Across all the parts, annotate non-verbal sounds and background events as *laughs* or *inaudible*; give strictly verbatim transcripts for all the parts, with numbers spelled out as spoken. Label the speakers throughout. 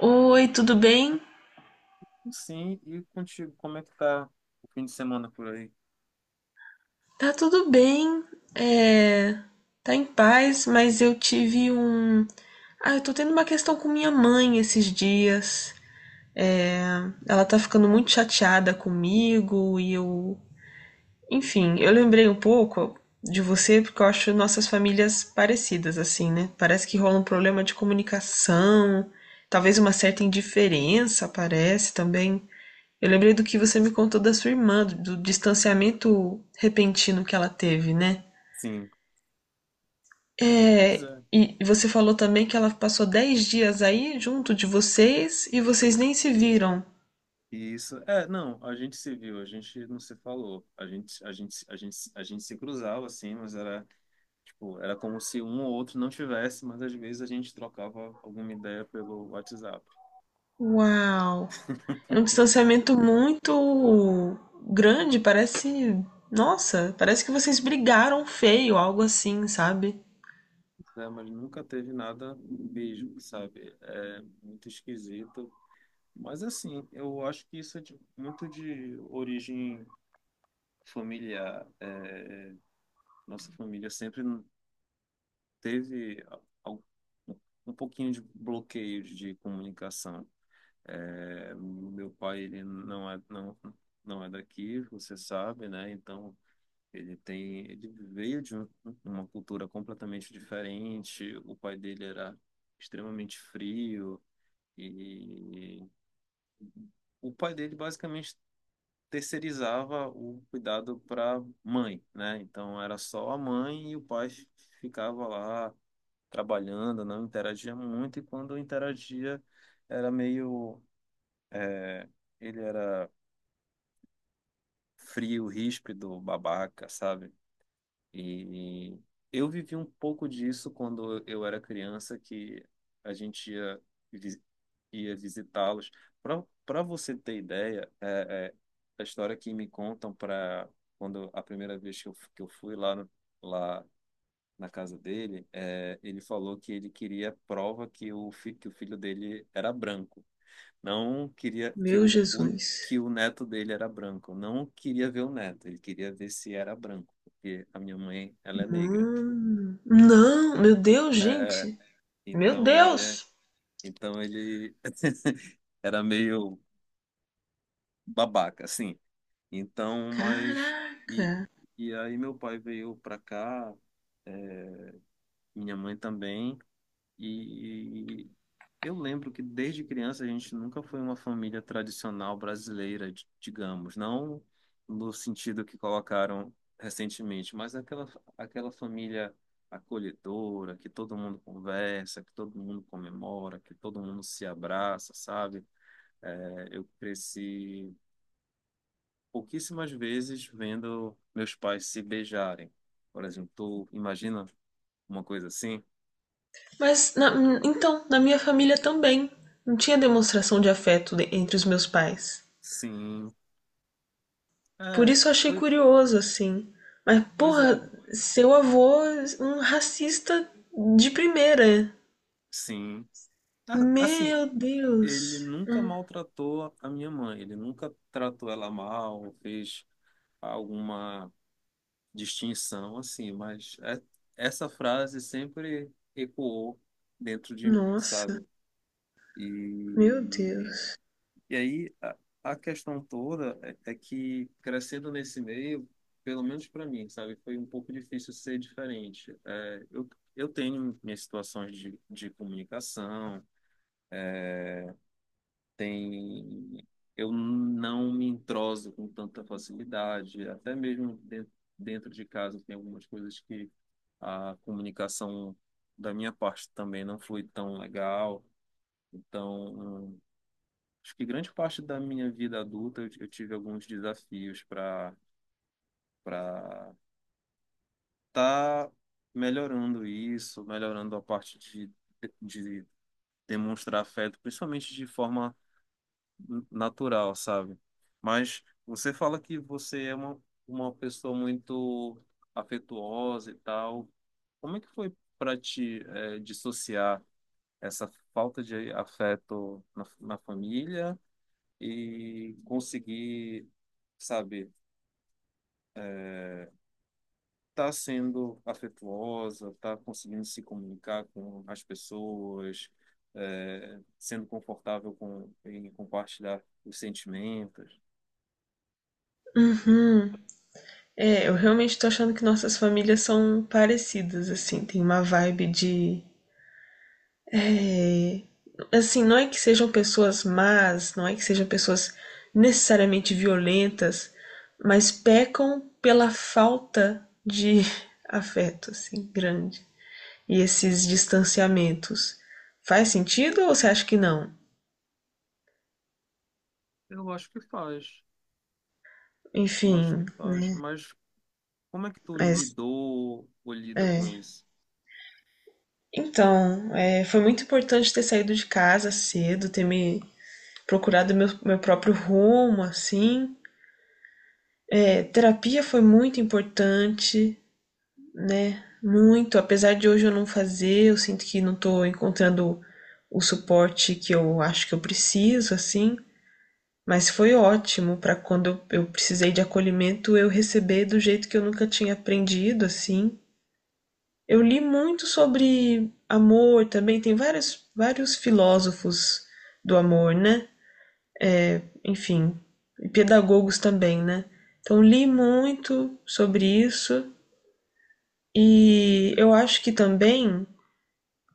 Speaker 1: Oi, tudo bem?
Speaker 2: Sim, e contigo, como é que tá o fim de semana por aí?
Speaker 1: Tá tudo bem, é, tá em paz, mas eu tive um. Ah, eu tô tendo uma questão com minha mãe esses dias. É, ela tá ficando muito chateada comigo e eu. Enfim, eu lembrei um pouco de você porque eu acho nossas famílias parecidas, assim, né? Parece que rola um problema de comunicação, talvez uma certa indiferença, parece também. Eu lembrei do que você me contou da sua irmã, do do distanciamento repentino que ela teve, né?
Speaker 2: Sim, pois
Speaker 1: É,
Speaker 2: é.
Speaker 1: e você falou também que ela passou dez dias aí junto de vocês e vocês nem se viram.
Speaker 2: E isso, é, não, a gente se viu, a gente não se falou, a gente, a gente, a gente, a gente se cruzava assim, mas era, tipo, era como se um ou outro não tivesse, mas às vezes a gente trocava alguma ideia pelo WhatsApp.
Speaker 1: Uau! É um
Speaker 2: *laughs*
Speaker 1: distanciamento muito grande, parece. Nossa, parece que vocês brigaram feio, algo assim, sabe?
Speaker 2: É, mas nunca teve nada mesmo, sabe? É muito esquisito. Mas assim, eu acho que isso é de- muito de origem familiar. É, nossa família sempre teve al- um pouquinho de bloqueio de comunicação. É, meu pai, ele não é, não, não é daqui, você sabe, né? Então, ele tem, ele veio de um- uma cultura completamente diferente. O pai dele era extremamente frio e o pai dele basicamente terceirizava o cuidado para mãe, né? Então, era só a mãe e o pai ficava lá trabalhando, não interagia muito, e quando interagia era meio. É, ele era frio, ríspido, babaca, sabe? E eu vivi um pouco disso quando eu era criança, que a gente ia, vi- ia visitá-los. Para para você ter ideia, é, é, a história que me contam para quando a primeira vez que eu, f- que eu fui lá no- lá na casa dele, é, ele falou que ele queria prova que o, fi- que o filho dele era branco. Não queria que
Speaker 1: Meu
Speaker 2: o, o-
Speaker 1: Jesus.
Speaker 2: que o neto dele era branco. Não queria ver o neto, ele queria ver se era branco, porque a minha mãe, ela é negra.
Speaker 1: Mano. Não, meu Deus,
Speaker 2: É,
Speaker 1: gente. Meu
Speaker 2: então ele é,
Speaker 1: Deus!
Speaker 2: então ele *laughs* era meio babaca, assim. Então, mas e,
Speaker 1: Caraca!
Speaker 2: e aí meu pai veio pra cá, minha mãe também. E eu lembro que desde criança a gente nunca foi uma família tradicional brasileira, di- digamos, não no sentido que colocaram recentemente, mas aquela, aquela família acolhedora, que todo mundo conversa, que todo mundo comemora, que todo mundo se abraça, sabe? É, eu cresci pouquíssimas vezes vendo meus pais se beijarem. Por exemplo, tu imagina uma coisa assim?
Speaker 1: Mas, na- então, na minha família também. Não tinha demonstração de afeto de- entre os meus pais.
Speaker 2: Sim.
Speaker 1: Por
Speaker 2: É,
Speaker 1: isso eu achei
Speaker 2: pois
Speaker 1: curioso, assim. Mas,
Speaker 2: pois é,
Speaker 1: porra, seu avô, é um racista de primeira.
Speaker 2: sim. A- Assim,
Speaker 1: Meu
Speaker 2: ele
Speaker 1: Deus.
Speaker 2: nunca
Speaker 1: Hum.
Speaker 2: maltratou a a minha mãe, ele nunca tratou ela mal, fez alguma distinção assim, mas é- essa frase sempre ecoou dentro de mim,
Speaker 1: Nossa,
Speaker 2: sabe?
Speaker 1: meu
Speaker 2: E,
Speaker 1: Deus.
Speaker 2: e aí a, a questão toda é, é que crescendo nesse meio, pelo menos para mim, sabe, foi um pouco difícil ser diferente. É, eu, eu tenho minhas situações de, de comunicação, tem eu não me entroso com tanta facilidade, até mesmo de- dentro de casa tem algumas coisas que a comunicação da minha parte também não foi tão legal. Então, hum, acho que grande parte da minha vida adulta eu, eu tive alguns desafios para para tá melhorando isso, melhorando a parte de, de demonstrar afeto, principalmente de forma natural, sabe? Mas você fala que você é uma, uma pessoa muito afetuosa e tal. Como é que foi para te eh, dissociar essa falta de afeto na, na família e conseguir, sabe, tá sendo afetuosa, tá conseguindo se comunicar com as pessoas, eh, sendo confortável com, em compartilhar os sentimentos?
Speaker 1: Uhum. É, eu realmente tô achando que nossas famílias são parecidas, assim. Tem uma vibe de... É... Assim, não é que sejam pessoas más, não é que sejam pessoas necessariamente violentas, mas pecam pela falta de *laughs* afeto, assim, grande. E esses distanciamentos. Faz sentido ou você acha que não?
Speaker 2: Eu acho que faz. Eu acho que
Speaker 1: Enfim,
Speaker 2: faz, mas como é que tu
Speaker 1: mas
Speaker 2: lidou ou lida com
Speaker 1: é.
Speaker 2: isso?
Speaker 1: Então, é, foi muito importante ter saído de casa cedo, ter me procurado meu, meu próprio rumo, assim. É, terapia foi muito importante, né? Muito. Apesar de hoje eu não fazer, eu sinto que não tô encontrando o suporte que eu acho que eu preciso, assim. Mas foi ótimo para quando eu, eu precisei de acolhimento, eu receber do jeito que eu nunca tinha aprendido, assim. Eu li muito sobre amor também, tem vários, vários filósofos do amor, né? Enfim, e pedagogos também, né? Então li muito sobre isso e eu acho que também...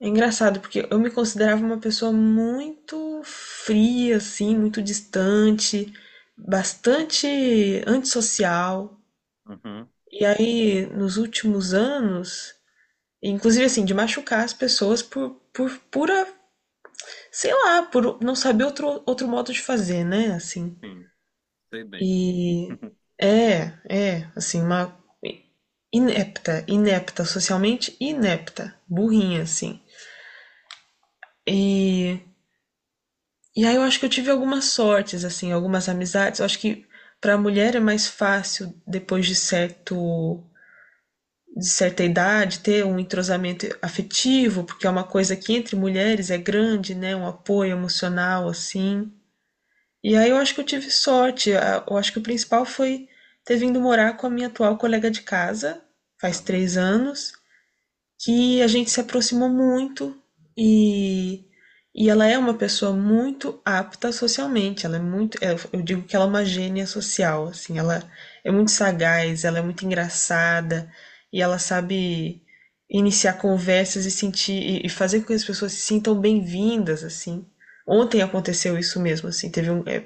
Speaker 1: É engraçado, porque eu me considerava uma pessoa muito fria, assim, muito distante, bastante antissocial.
Speaker 2: Uhum,
Speaker 1: E aí, nos últimos anos, inclusive assim, de machucar as pessoas por, por pura, sei lá, por não saber outro, outro modo de fazer, né? Assim.
Speaker 2: sim, sei bem.
Speaker 1: E
Speaker 2: *laughs*
Speaker 1: é, é, assim, uma inepta, inepta, socialmente inepta, burrinha, assim. E... E aí eu acho que eu tive algumas sortes, assim, algumas amizades. Eu acho que para a mulher é mais fácil, depois de certo, de certa idade, ter um entrosamento afetivo, porque é uma coisa que entre mulheres é grande, né? Um apoio emocional, assim. E aí eu acho que eu tive sorte. A- Eu acho que o principal foi ter vindo morar com a minha atual colega de casa, faz
Speaker 2: Aham.
Speaker 1: três anos que a gente se aproximou muito e, e ela é uma pessoa muito apta socialmente. Ela é muito, é, eu digo que ela é uma gênia social, assim, ela é muito sagaz, ela é muito engraçada e ela sabe iniciar conversas e sentir e- e fazer com que as pessoas se sintam bem-vindas, assim. Ontem aconteceu isso mesmo, assim, teve um, é,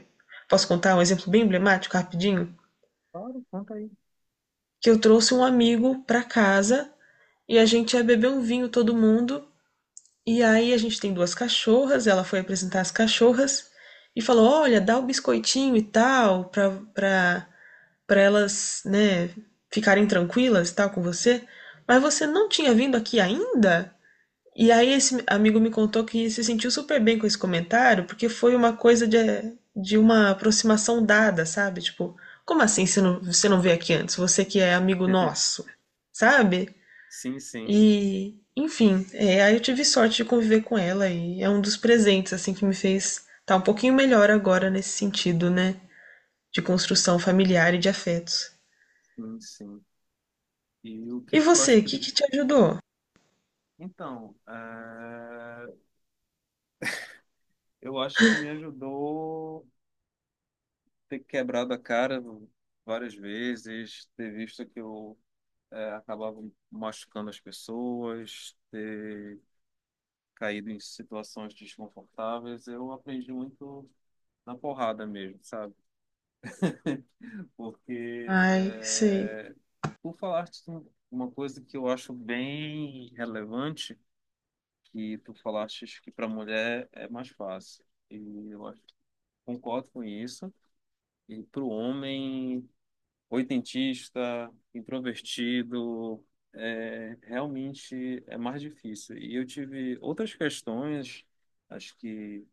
Speaker 1: posso contar um exemplo bem emblemático, rapidinho?
Speaker 2: Claro, conta aí.
Speaker 1: Que eu trouxe um amigo para casa e a gente ia beber um vinho todo mundo. E aí a gente tem duas cachorras, ela foi apresentar as cachorras e falou: "Olha, dá o biscoitinho e tal pra para para elas, né, ficarem tranquilas e tal com você, mas você não tinha vindo aqui ainda?" E aí esse amigo me contou que se sentiu super bem com esse comentário, porque foi uma coisa de, de uma aproximação dada, sabe? Tipo, como assim você não, você não veio aqui antes? Você que é amigo
Speaker 2: *laughs*
Speaker 1: nosso, sabe?
Speaker 2: Sim, sim,
Speaker 1: E, enfim, é, aí eu tive sorte de conviver com ela e é um dos presentes assim que me fez estar um pouquinho melhor agora nesse sentido, né, de construção familiar e de afetos.
Speaker 2: sim, sim. E o
Speaker 1: E
Speaker 2: que que tu
Speaker 1: você,
Speaker 2: acha
Speaker 1: o
Speaker 2: que
Speaker 1: que
Speaker 2: tu...
Speaker 1: que te ajudou?
Speaker 2: Então, eh, eu acho que me ajudou ter quebrado a cara várias vezes, ter visto que eu eh, acabava machucando as pessoas, ter caído em situações desconfortáveis. Eu aprendi muito na porrada mesmo, sabe? *laughs* Porque,
Speaker 1: Ai, sei.
Speaker 2: é, tu falaste uma coisa que eu acho bem relevante, que tu falaste que para mulher é mais fácil. E eu acho, concordo com isso. E para o homem oitentista, introvertido, é, realmente é mais difícil. E eu tive outras questões, acho que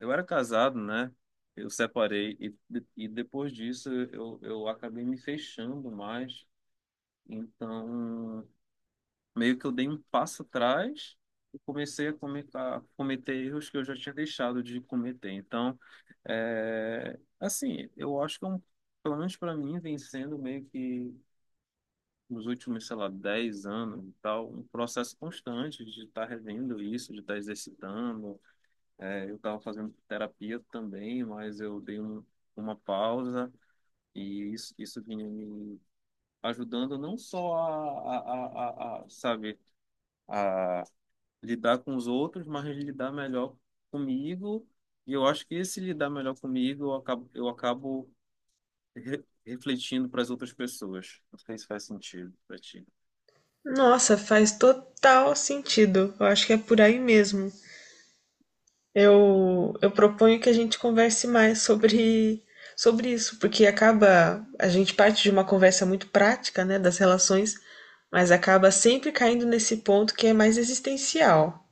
Speaker 2: eu era casado, né? Eu separei e, e depois disso eu, eu acabei me fechando mais. Então, meio que eu dei um passo atrás e comecei a comer- a cometer erros que eu já tinha deixado de cometer. Então, é, assim, eu acho que é um, pelo menos para mim vem sendo meio que nos últimos, sei lá, dez anos e tal, um processo constante de estar revendo isso, de estar exercitando, é, eu estava fazendo terapia também, mas eu dei um, uma pausa e isso, isso vinha me ajudando não só a, a, a, a, a, sabe, a lidar com os outros, mas lidar melhor comigo. E eu acho que esse lidar melhor comigo, eu acabo, eu acabo re- refletindo para as outras pessoas. Não sei se faz sentido para ti.
Speaker 1: Nossa, faz total sentido. Eu acho que é por aí mesmo.
Speaker 2: E,
Speaker 1: Eu, eu proponho que a gente converse mais sobre, sobre isso, porque acaba a gente parte de uma conversa muito prática, né, das relações, mas acaba sempre caindo nesse ponto que é mais existencial,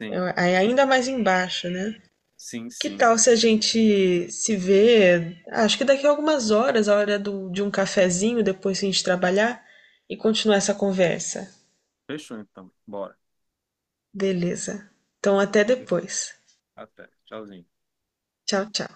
Speaker 2: sim,
Speaker 1: é é ainda mais embaixo, né?
Speaker 2: sim,
Speaker 1: Que
Speaker 2: sim.
Speaker 1: tal se a gente se vê, acho que daqui a algumas horas, a hora do- de um cafezinho, depois que a gente trabalhar, e continuar essa conversa?
Speaker 2: Fechou então. Bora.
Speaker 1: Beleza. Então, até depois.
Speaker 2: Até. Tchauzinho.
Speaker 1: Tchau, tchau.